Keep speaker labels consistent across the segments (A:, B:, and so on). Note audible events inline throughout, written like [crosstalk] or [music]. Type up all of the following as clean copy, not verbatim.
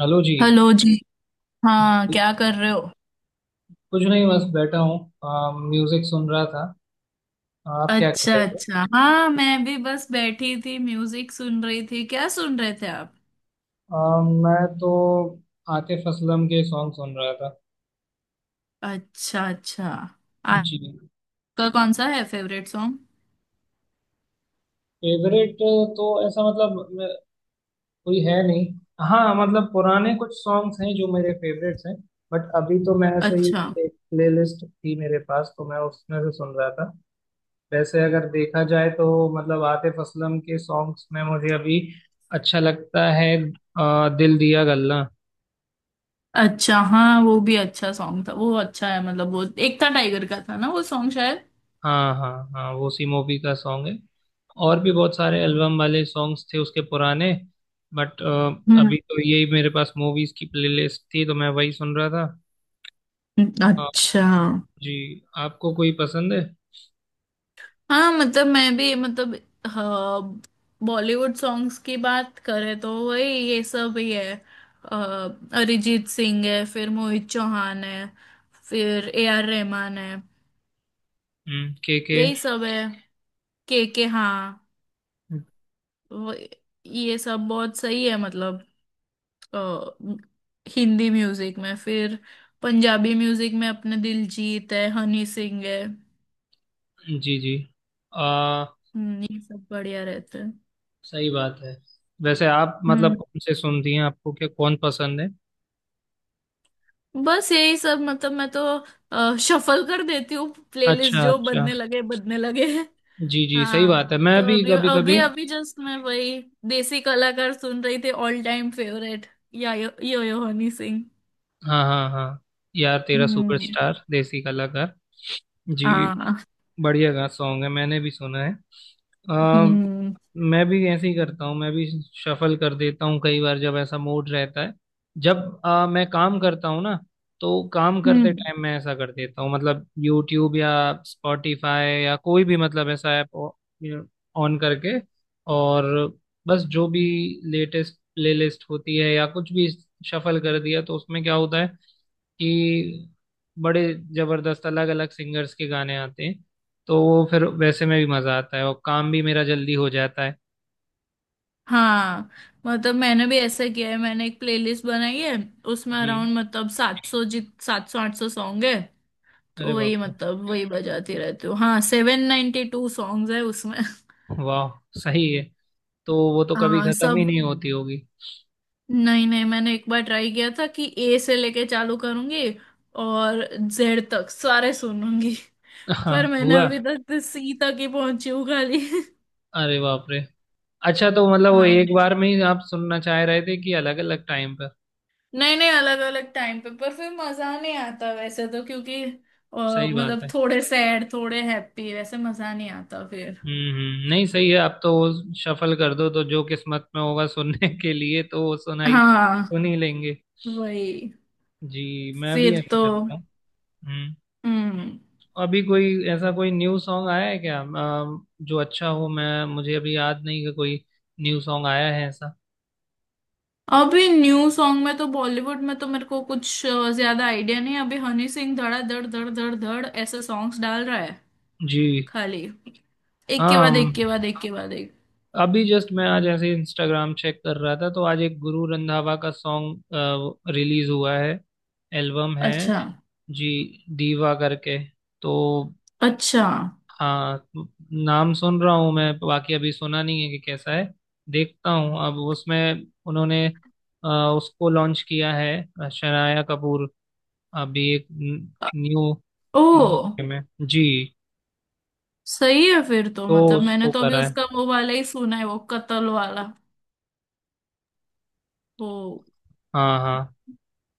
A: Hello जी।
B: Hello जी। हाँ, क्या कर रहे हो?
A: कुछ नहीं, बस बैठा हूँ। म्यूजिक सुन रहा था। आप क्या कर
B: अच्छा
A: रहे थे?
B: अच्छा, हाँ मैं भी बस बैठी थी, म्यूजिक सुन रही थी। क्या सुन रहे थे आप?
A: मैं तो आतिफ असलम के सॉन्ग सुन रहा था।
B: अच्छा अच्छा।
A: जी।
B: आपका कौन सा है फेवरेट सॉन्ग?
A: फेवरेट? तो ऐसा मतलब कोई है नहीं। हाँ मतलब पुराने कुछ सॉन्ग्स हैं जो मेरे फेवरेट्स हैं। बट अभी तो मैं ऐसे ही
B: अच्छा
A: एक प्लेलिस्ट थी मेरे पास, तो मैं उसमें से सुन रहा था। वैसे अगर देखा जाए तो, मतलब आतिफ असलम के सॉन्ग्स में मुझे अभी अच्छा लगता है दिल दिया गल्ला।
B: अच्छा, हाँ वो भी अच्छा सॉन्ग था, वो अच्छा है। मतलब वो एकता टाइगर का था ना वो सॉन्ग शायद।
A: हाँ हाँ हाँ, वो सी मूवी का सॉन्ग है। और भी बहुत सारे एल्बम वाले सॉन्ग्स थे उसके पुराने। बट
B: हम्म।
A: अभी तो यही मेरे पास मूवीज की प्लेलिस्ट थी तो मैं वही सुन रहा था। आ,
B: अच्छा
A: जी आपको कोई पसंद है?
B: हाँ, मतलब मैं भी मतलब हाँ, बॉलीवुड सॉन्ग्स की बात करें तो वही ये सब ही है। अरिजीत सिंह है, फिर मोहित चौहान है, फिर ए आर रहमान है,
A: हम्म, के के।
B: यही सब है। के हाँ। वो- ये सब बहुत सही है मतलब। अ, हिंदी म्यूजिक में, फिर पंजाबी म्यूजिक में अपने दिलजीत है, हनी सिंह है।
A: जी जी। आ,
B: ये सब बढ़िया रहते हैं।
A: सही बात है। वैसे आप
B: हम्म,
A: मतलब कौन से सुनती हैं? आपको क्या कौन पसंद है?
B: बस यही सब मतलब, मैं तो शफल कर देती हूँ प्लेलिस्ट,
A: अच्छा
B: जो
A: अच्छा,
B: बदने लगे बदने लगे।
A: जी जी सही
B: हाँ,
A: बात है। मैं
B: तो
A: भी
B: अभी
A: कभी
B: अभी
A: कभी।
B: अभी जस्ट मैं वही देसी कलाकार सुन रही थी, ऑल टाइम फेवरेट, या यो, यो हनी सिंह।
A: हाँ हाँ हाँ, यार तेरा
B: हम्म।
A: सुपरस्टार देसी कलाकार। जी।
B: हाँ।
A: बढ़िया गा सॉन्ग है, मैंने भी सुना है। आ,
B: हम्म
A: मैं भी ऐसे ही करता हूँ, मैं भी शफल कर देता हूँ कई बार जब ऐसा मूड रहता है। जब मैं काम करता हूँ ना, तो काम करते
B: हम्म।
A: टाइम मैं ऐसा कर देता हूँ। मतलब यूट्यूब या स्पॉटिफाई या कोई भी मतलब ऐसा ऐप ऑन करके, और बस जो भी लेटेस्ट प्लेलिस्ट होती है या कुछ भी शफल कर दिया, तो उसमें क्या होता है कि बड़े जबरदस्त अलग अलग सिंगर्स के गाने आते हैं। तो वो फिर वैसे में भी मजा आता है और काम भी मेरा जल्दी हो जाता है।
B: हाँ मतलब मैंने भी ऐसा किया है, मैंने एक प्लेलिस्ट बनाई है। उसमें
A: जी।
B: अराउंड मतलब 700 800 सॉन्ग है।
A: अरे
B: तो
A: बाप
B: वही
A: रे,
B: मतलब वही बजाती रहती हूँ। हाँ, 792 सॉन्ग्स है उसमें।
A: वाह, सही है। तो वो तो कभी
B: हाँ
A: खत्म ही
B: सब।
A: नहीं होती होगी।
B: नहीं नहीं, मैंने एक बार ट्राई किया था कि ए से लेके चालू करूंगी और जेड तक सारे सुनूंगी।
A: हाँ।
B: पर मैंने
A: हुआ।
B: अभी तक सी तक ही पहुंची हूँ खाली।
A: अरे बाप रे। अच्छा, तो मतलब वो
B: हाँ।
A: एक बार में ही आप सुनना चाह रहे थे कि अलग अलग टाइम पर?
B: नहीं नहीं, अलग अलग टाइम पे पर फिर मजा नहीं आता वैसे तो, क्योंकि
A: सही बात
B: मतलब
A: है।
B: थोड़े सैड थोड़े हैप्पी, वैसे मजा नहीं आता फिर।
A: हम्म, नहीं सही है। आप तो वो शफल कर दो तो जो किस्मत में होगा सुनने के लिए तो वो सुनाई
B: हाँ
A: सुन ही लेंगे।
B: वही।
A: जी, मैं भी
B: फिर
A: ऐसे
B: तो।
A: करता हूँ। हम्म।
B: हम्म।
A: अभी कोई ऐसा कोई न्यू सॉन्ग आया है क्या, जो अच्छा हो? मैं मुझे अभी याद नहीं कि कोई न्यू सॉन्ग आया है ऐसा।
B: अभी न्यू सॉन्ग में तो बॉलीवुड में तो मेरे को कुछ ज्यादा आइडिया नहीं है। अभी हनी सिंह धड़ा धड़ धड़ धड़ धड़ ऐसे सॉन्ग्स डाल रहा है
A: जी।
B: खाली, एक के
A: हाँ।
B: बाद एक के बाद एक के बाद एक।
A: अभी जस्ट मैं आज ऐसे इंस्टाग्राम चेक कर रहा था तो आज एक गुरु रंधावा का सॉन्ग रिलीज हुआ है, एल्बम है।
B: अच्छा
A: जी। दीवा करके। तो
B: अच्छा।
A: हाँ, नाम सुन रहा हूँ मैं, बाकी अभी सुना नहीं है कि कैसा है। देखता हूँ अब, उसमें उन्होंने अ, उसको लॉन्च किया है शनाया कपूर। अभी एक
B: अ-
A: न्यू
B: ओ,
A: न्यू में। जी।
B: सही है फिर तो।
A: तो
B: मतलब मैंने
A: उसको
B: तो अभी
A: करा है।
B: उसका वो वाला ही सुना है, वो कत्ल वाला वो
A: हाँ हाँ।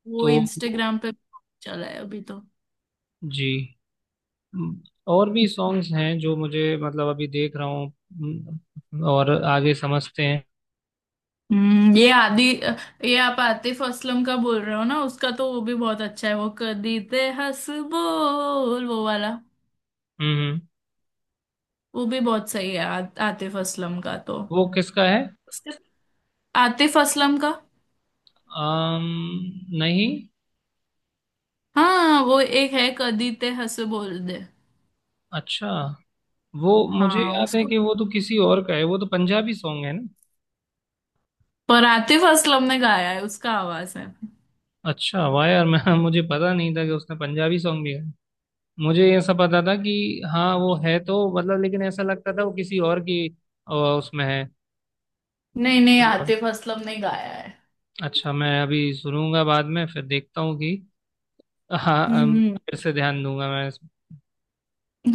B: वो
A: तो
B: इंस्टाग्राम पे चला है अभी तो।
A: जी। हम्म, और भी सॉन्ग्स हैं जो मुझे मतलब अभी देख रहा हूँ। और आगे समझते हैं।
B: हम्म, ये आदि, ये आप आतिफ असलम का बोल रहे हो ना? उसका तो वो भी बहुत अच्छा है, वो कदी ते हंस बोल वो वाला।
A: हम्म हम्म।
B: वो भी बहुत सही है। आतिफ असलम का तो
A: वो किसका है?
B: उसके आतिफ असलम का।
A: नहीं।
B: हाँ वो एक है कदी ते हंस बोल दे।
A: अच्छा। वो मुझे
B: हाँ
A: याद है
B: उसका,
A: कि वो तो किसी और का है, वो तो पंजाबी सॉन्ग है ना।
B: पर आतिफ असलम ने गाया है, उसका आवाज है।
A: अच्छा वाह यार, मैं मुझे पता नहीं था कि उसने पंजाबी सॉन्ग भी है। मुझे ये सब पता था कि हाँ वो है तो मतलब, लेकिन ऐसा लगता था वो किसी और की उसमें है।
B: नहीं नहीं, आतिफ असलम ने गाया है।
A: अच्छा मैं अभी सुनूंगा बाद में, फिर देखता हूँ कि [laughs] हाँ,
B: हम्म।
A: फिर से ध्यान दूंगा मैं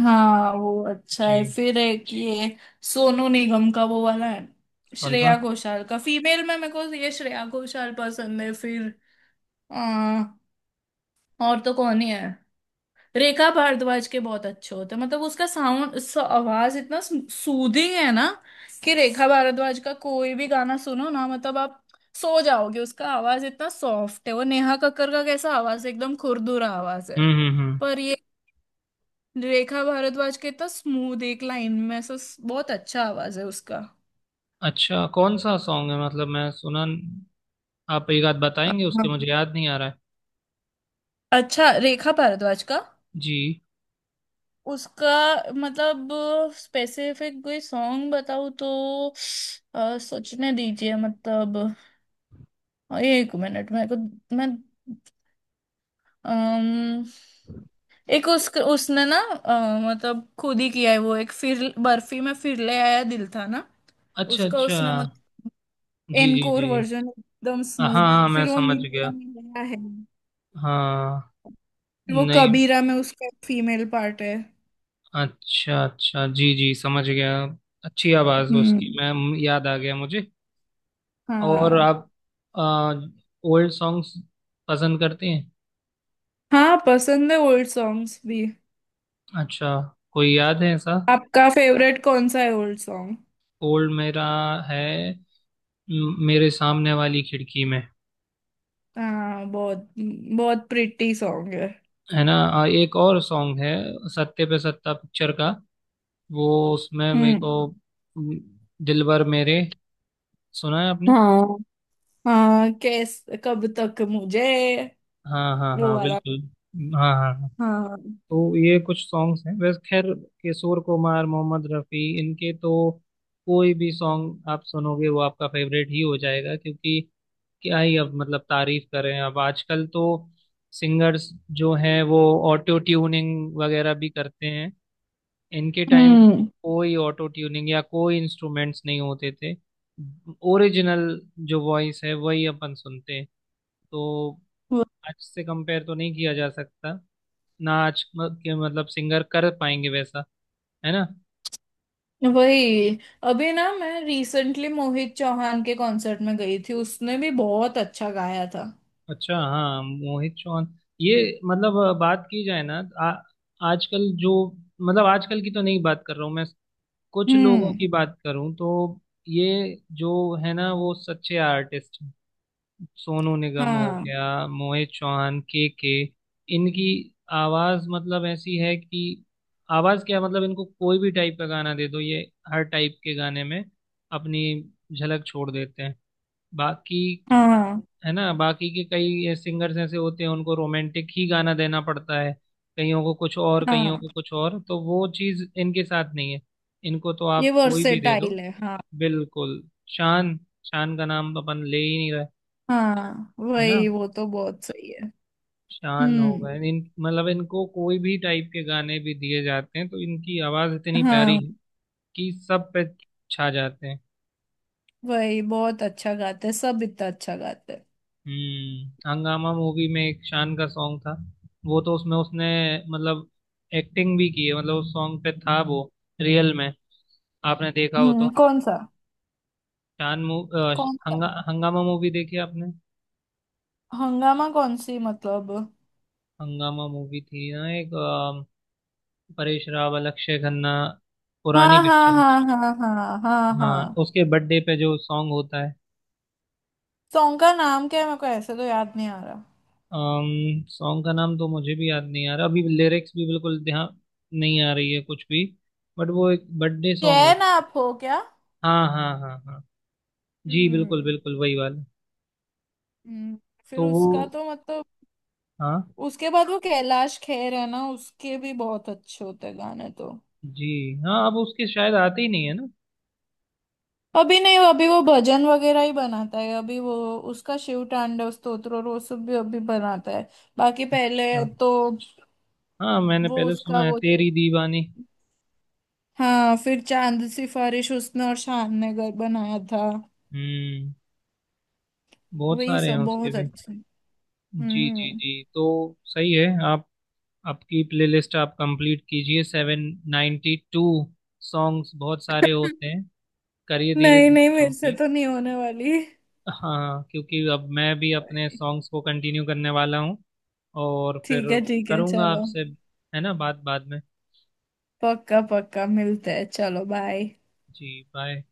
B: हाँ वो अच्छा है,
A: जी।
B: फिर एक ये सोनू निगम का वो वाला है।
A: कौन सा?
B: श्रेया घोषाल का, फीमेल में मेरे को ये श्रेया घोषाल पसंद है, फिर आ, और तो कौन ही है। रेखा भारद्वाज के बहुत अच्छे होते हैं, मतलब उसका साउंड, आवाज इतना सूदिंग है ना, कि रेखा भारद्वाज का कोई भी गाना सुनो ना, मतलब आप सो जाओगे। उसका आवाज इतना सॉफ्ट है। वो नेहा कक्कर का कैसा आवाज है, एकदम खुरदुरा आवाज है,
A: हम्म।
B: पर ये रेखा भारद्वाज के इतना स्मूथ, एक लाइन में ऐसा बहुत अच्छा आवाज है उसका।
A: अच्छा कौन सा सॉन्ग है, मतलब मैं सुना। आप एक आध बताएंगे, उसके
B: हाँ।
A: मुझे याद नहीं आ रहा है।
B: अच्छा, रेखा भारद्वाज का
A: जी।
B: उसका मतलब स्पेसिफिक कोई सॉन्ग बताऊँ तो सोचने दीजिए मतलब। और ये एक मिनट, मेरे को मैं अम, एक उस उसने ना, मतलब खुद ही किया है वो एक, फिर बर्फी में फिर ले आया दिल था ना,
A: अच्छा
B: उसका
A: अच्छा
B: उसने मतलब
A: जी जी
B: एनकोर
A: जी।
B: वर्जन एकदम
A: हाँ
B: स्मूथ।
A: हाँ मैं
B: फिर वो
A: समझ
B: मिलिया
A: गया।
B: मिलिया है।
A: हाँ
B: फिर वो
A: नहीं
B: कबीरा में उसका एक फीमेल पार्ट है।
A: अच्छा अच्छा जी जी समझ गया। अच्छी आवाज़ है उसकी
B: हम्म।
A: मैम, याद आ गया मुझे। और आप
B: हाँ,
A: ओल्ड सॉन्ग्स पसंद करते हैं?
B: हाँ पसंद है ओल्ड सॉन्ग्स भी।
A: अच्छा कोई याद है ऐसा?
B: आपका फेवरेट कौन सा है ओल्ड सॉन्ग?
A: ओल्ड मेरा है, मेरे सामने वाली खिड़की में।
B: हाँ बहुत बहुत प्रिटी सॉन्ग है।
A: है ना? एक और सॉन्ग है, सत्ते पे सत्ता पिक्चर का, वो, उसमें मेरे
B: हम्म।
A: को म, दिलबर मेरे। सुना है आपने?
B: हाँ हाँ, कैस कब तक मुझे
A: हाँ हाँ
B: वो
A: हाँ
B: वाला।
A: बिल्कुल। हाँ हाँ हाँ।
B: हाँ।
A: तो ये कुछ सॉन्ग्स हैं, वैसे खैर किशोर कुमार, मोहम्मद रफ़ी, इनके तो कोई भी सॉन्ग आप सुनोगे वो आपका फेवरेट ही हो जाएगा, क्योंकि क्या ही अब मतलब तारीफ करें। अब आजकल तो सिंगर्स जो हैं वो ऑटो ट्यूनिंग वगैरह भी करते हैं। इनके टाइम
B: हम्म।
A: कोई ऑटो ट्यूनिंग या कोई इंस्ट्रूमेंट्स नहीं होते थे। ओरिजिनल जो वॉइस है वही अपन सुनते हैं। तो
B: वो-
A: आज से कंपेयर तो नहीं किया जा सकता। नाच के मतलब सिंगर कर पाएंगे वैसा? है ना?
B: वही। अभी ना मैं रिसेंटली मोहित चौहान के कॉन्सर्ट में गई थी, उसने भी बहुत अच्छा गाया था।
A: अच्छा हाँ, मोहित चौहान। ये मतलब बात की जाए ना, आजकल जो मतलब आजकल की तो नहीं बात कर रहा हूँ मैं, कुछ लोगों
B: हम्म।
A: की बात करूँ तो ये जो है ना वो सच्चे आर्टिस्ट हैं। सोनू निगम हो
B: हाँ
A: गया, मोहित चौहान, के के। इनकी आवाज मतलब ऐसी है कि, आवाज क्या मतलब, इनको कोई भी टाइप का गाना दे दो, ये हर टाइप के गाने में अपनी झलक छोड़ देते हैं। बाकी
B: हाँ
A: है ना, बाकी के कई सिंगर्स ऐसे होते हैं, उनको रोमांटिक ही गाना देना पड़ता है, कईयों को कुछ और, कईयों
B: हाँ।
A: को कुछ और। तो वो चीज इनके साथ नहीं है, इनको तो
B: ये
A: आप कोई भी दे सही दो।
B: वर्सेटाइल है, हाँ।
A: बिल्कुल। शान, शान का नाम तो अपन ले ही नहीं रहे।
B: हाँ
A: है ना?
B: वही,
A: हम्म।
B: वो तो बहुत सही है।
A: शान हो
B: हम्म।
A: गए, इन मतलब इनको कोई भी टाइप के गाने भी दिए जाते हैं तो इनकी आवाज इतनी प्यारी
B: हाँ
A: है कि सब पे छा जाते हैं।
B: वही बहुत अच्छा गाते हैं, सब इतना अच्छा गाते हैं।
A: हम्म, हंगामा मूवी में एक शान का सॉन्ग था, वो तो उसमें उसने मतलब एक्टिंग भी की है, मतलब उस सॉन्ग पे था वो, रियल में। आपने देखा हो
B: हम्म।
A: तो
B: कौन सा?
A: शान मू अ, श-
B: कौन सा?
A: हंगा, हंगामा मूवी देखी आपने?
B: हंगामा कौन सी मतलब?
A: हंगामा मूवी थी ना एक, परेश रावल, अक्षय खन्ना, पुरानी
B: हाँ हाँ
A: पिक्चर।
B: हाँ हाँ हाँ हाँ
A: हाँ
B: हाँ।
A: उसके बर्थडे पे जो सॉन्ग होता है।
B: सॉन्ग का नाम क्या है, मेरे को ऐसे तो याद नहीं आ रहा।
A: सॉन्ग का नाम तो मुझे भी याद नहीं आ रहा अभी, लिरिक्स भी बिल्कुल ध्यान नहीं आ रही है कुछ भी। बट वो एक बर्थडे सॉन्ग
B: चैन
A: होता।
B: आप हो क्या।
A: हाँ हाँ हाँ हाँ, जी बिल्कुल
B: हम्म।
A: बिल्कुल वही वाला।
B: हम्म, फिर
A: तो वो,
B: उसका तो मतलब
A: हाँ।
B: उसके बाद वो कैलाश खेर है ना, उसके भी बहुत अच्छे होते हैं गाने तो।
A: जी हाँ, अब उसके शायद आते ही नहीं है ना।
B: अभी नहीं, अभी वो भजन वगैरह ही बनाता है अभी वो। उसका शिव तांडव स्तोत्र और वो सब भी अभी बनाता है, बाकी पहले
A: अच्छा
B: तो।
A: हाँ, मैंने
B: वो
A: पहले
B: उसका
A: सुना है
B: वो,
A: तेरी दीवानी।
B: हाँ, फिर चांद सिफारिश उसने और शान ने घर बनाया था।
A: हम्म, बहुत
B: वही
A: सारे हैं
B: सब
A: उसके
B: बहुत
A: भी।
B: अच्छा।
A: जी जी
B: हम्म।
A: जी। तो सही है आप। आपकी प्लेलिस्ट आप कंप्लीट कीजिए, 792 सॉन्ग्स बहुत सारे होते
B: [laughs]
A: हैं। करिए धीरे
B: नहीं
A: धीरे
B: नहीं, मेरे से
A: कंप्लीट।
B: तो नहीं होने वाली।
A: हाँ क्योंकि अब मैं भी अपने सॉन्ग्स को कंटिन्यू करने वाला हूँ और फिर
B: ठीक है ठीक है,
A: करूँगा
B: चलो।
A: आपसे, है ना, बात बाद में।
B: पक्का पक्का, मिलते हैं, चलो बाय।
A: जी बाय।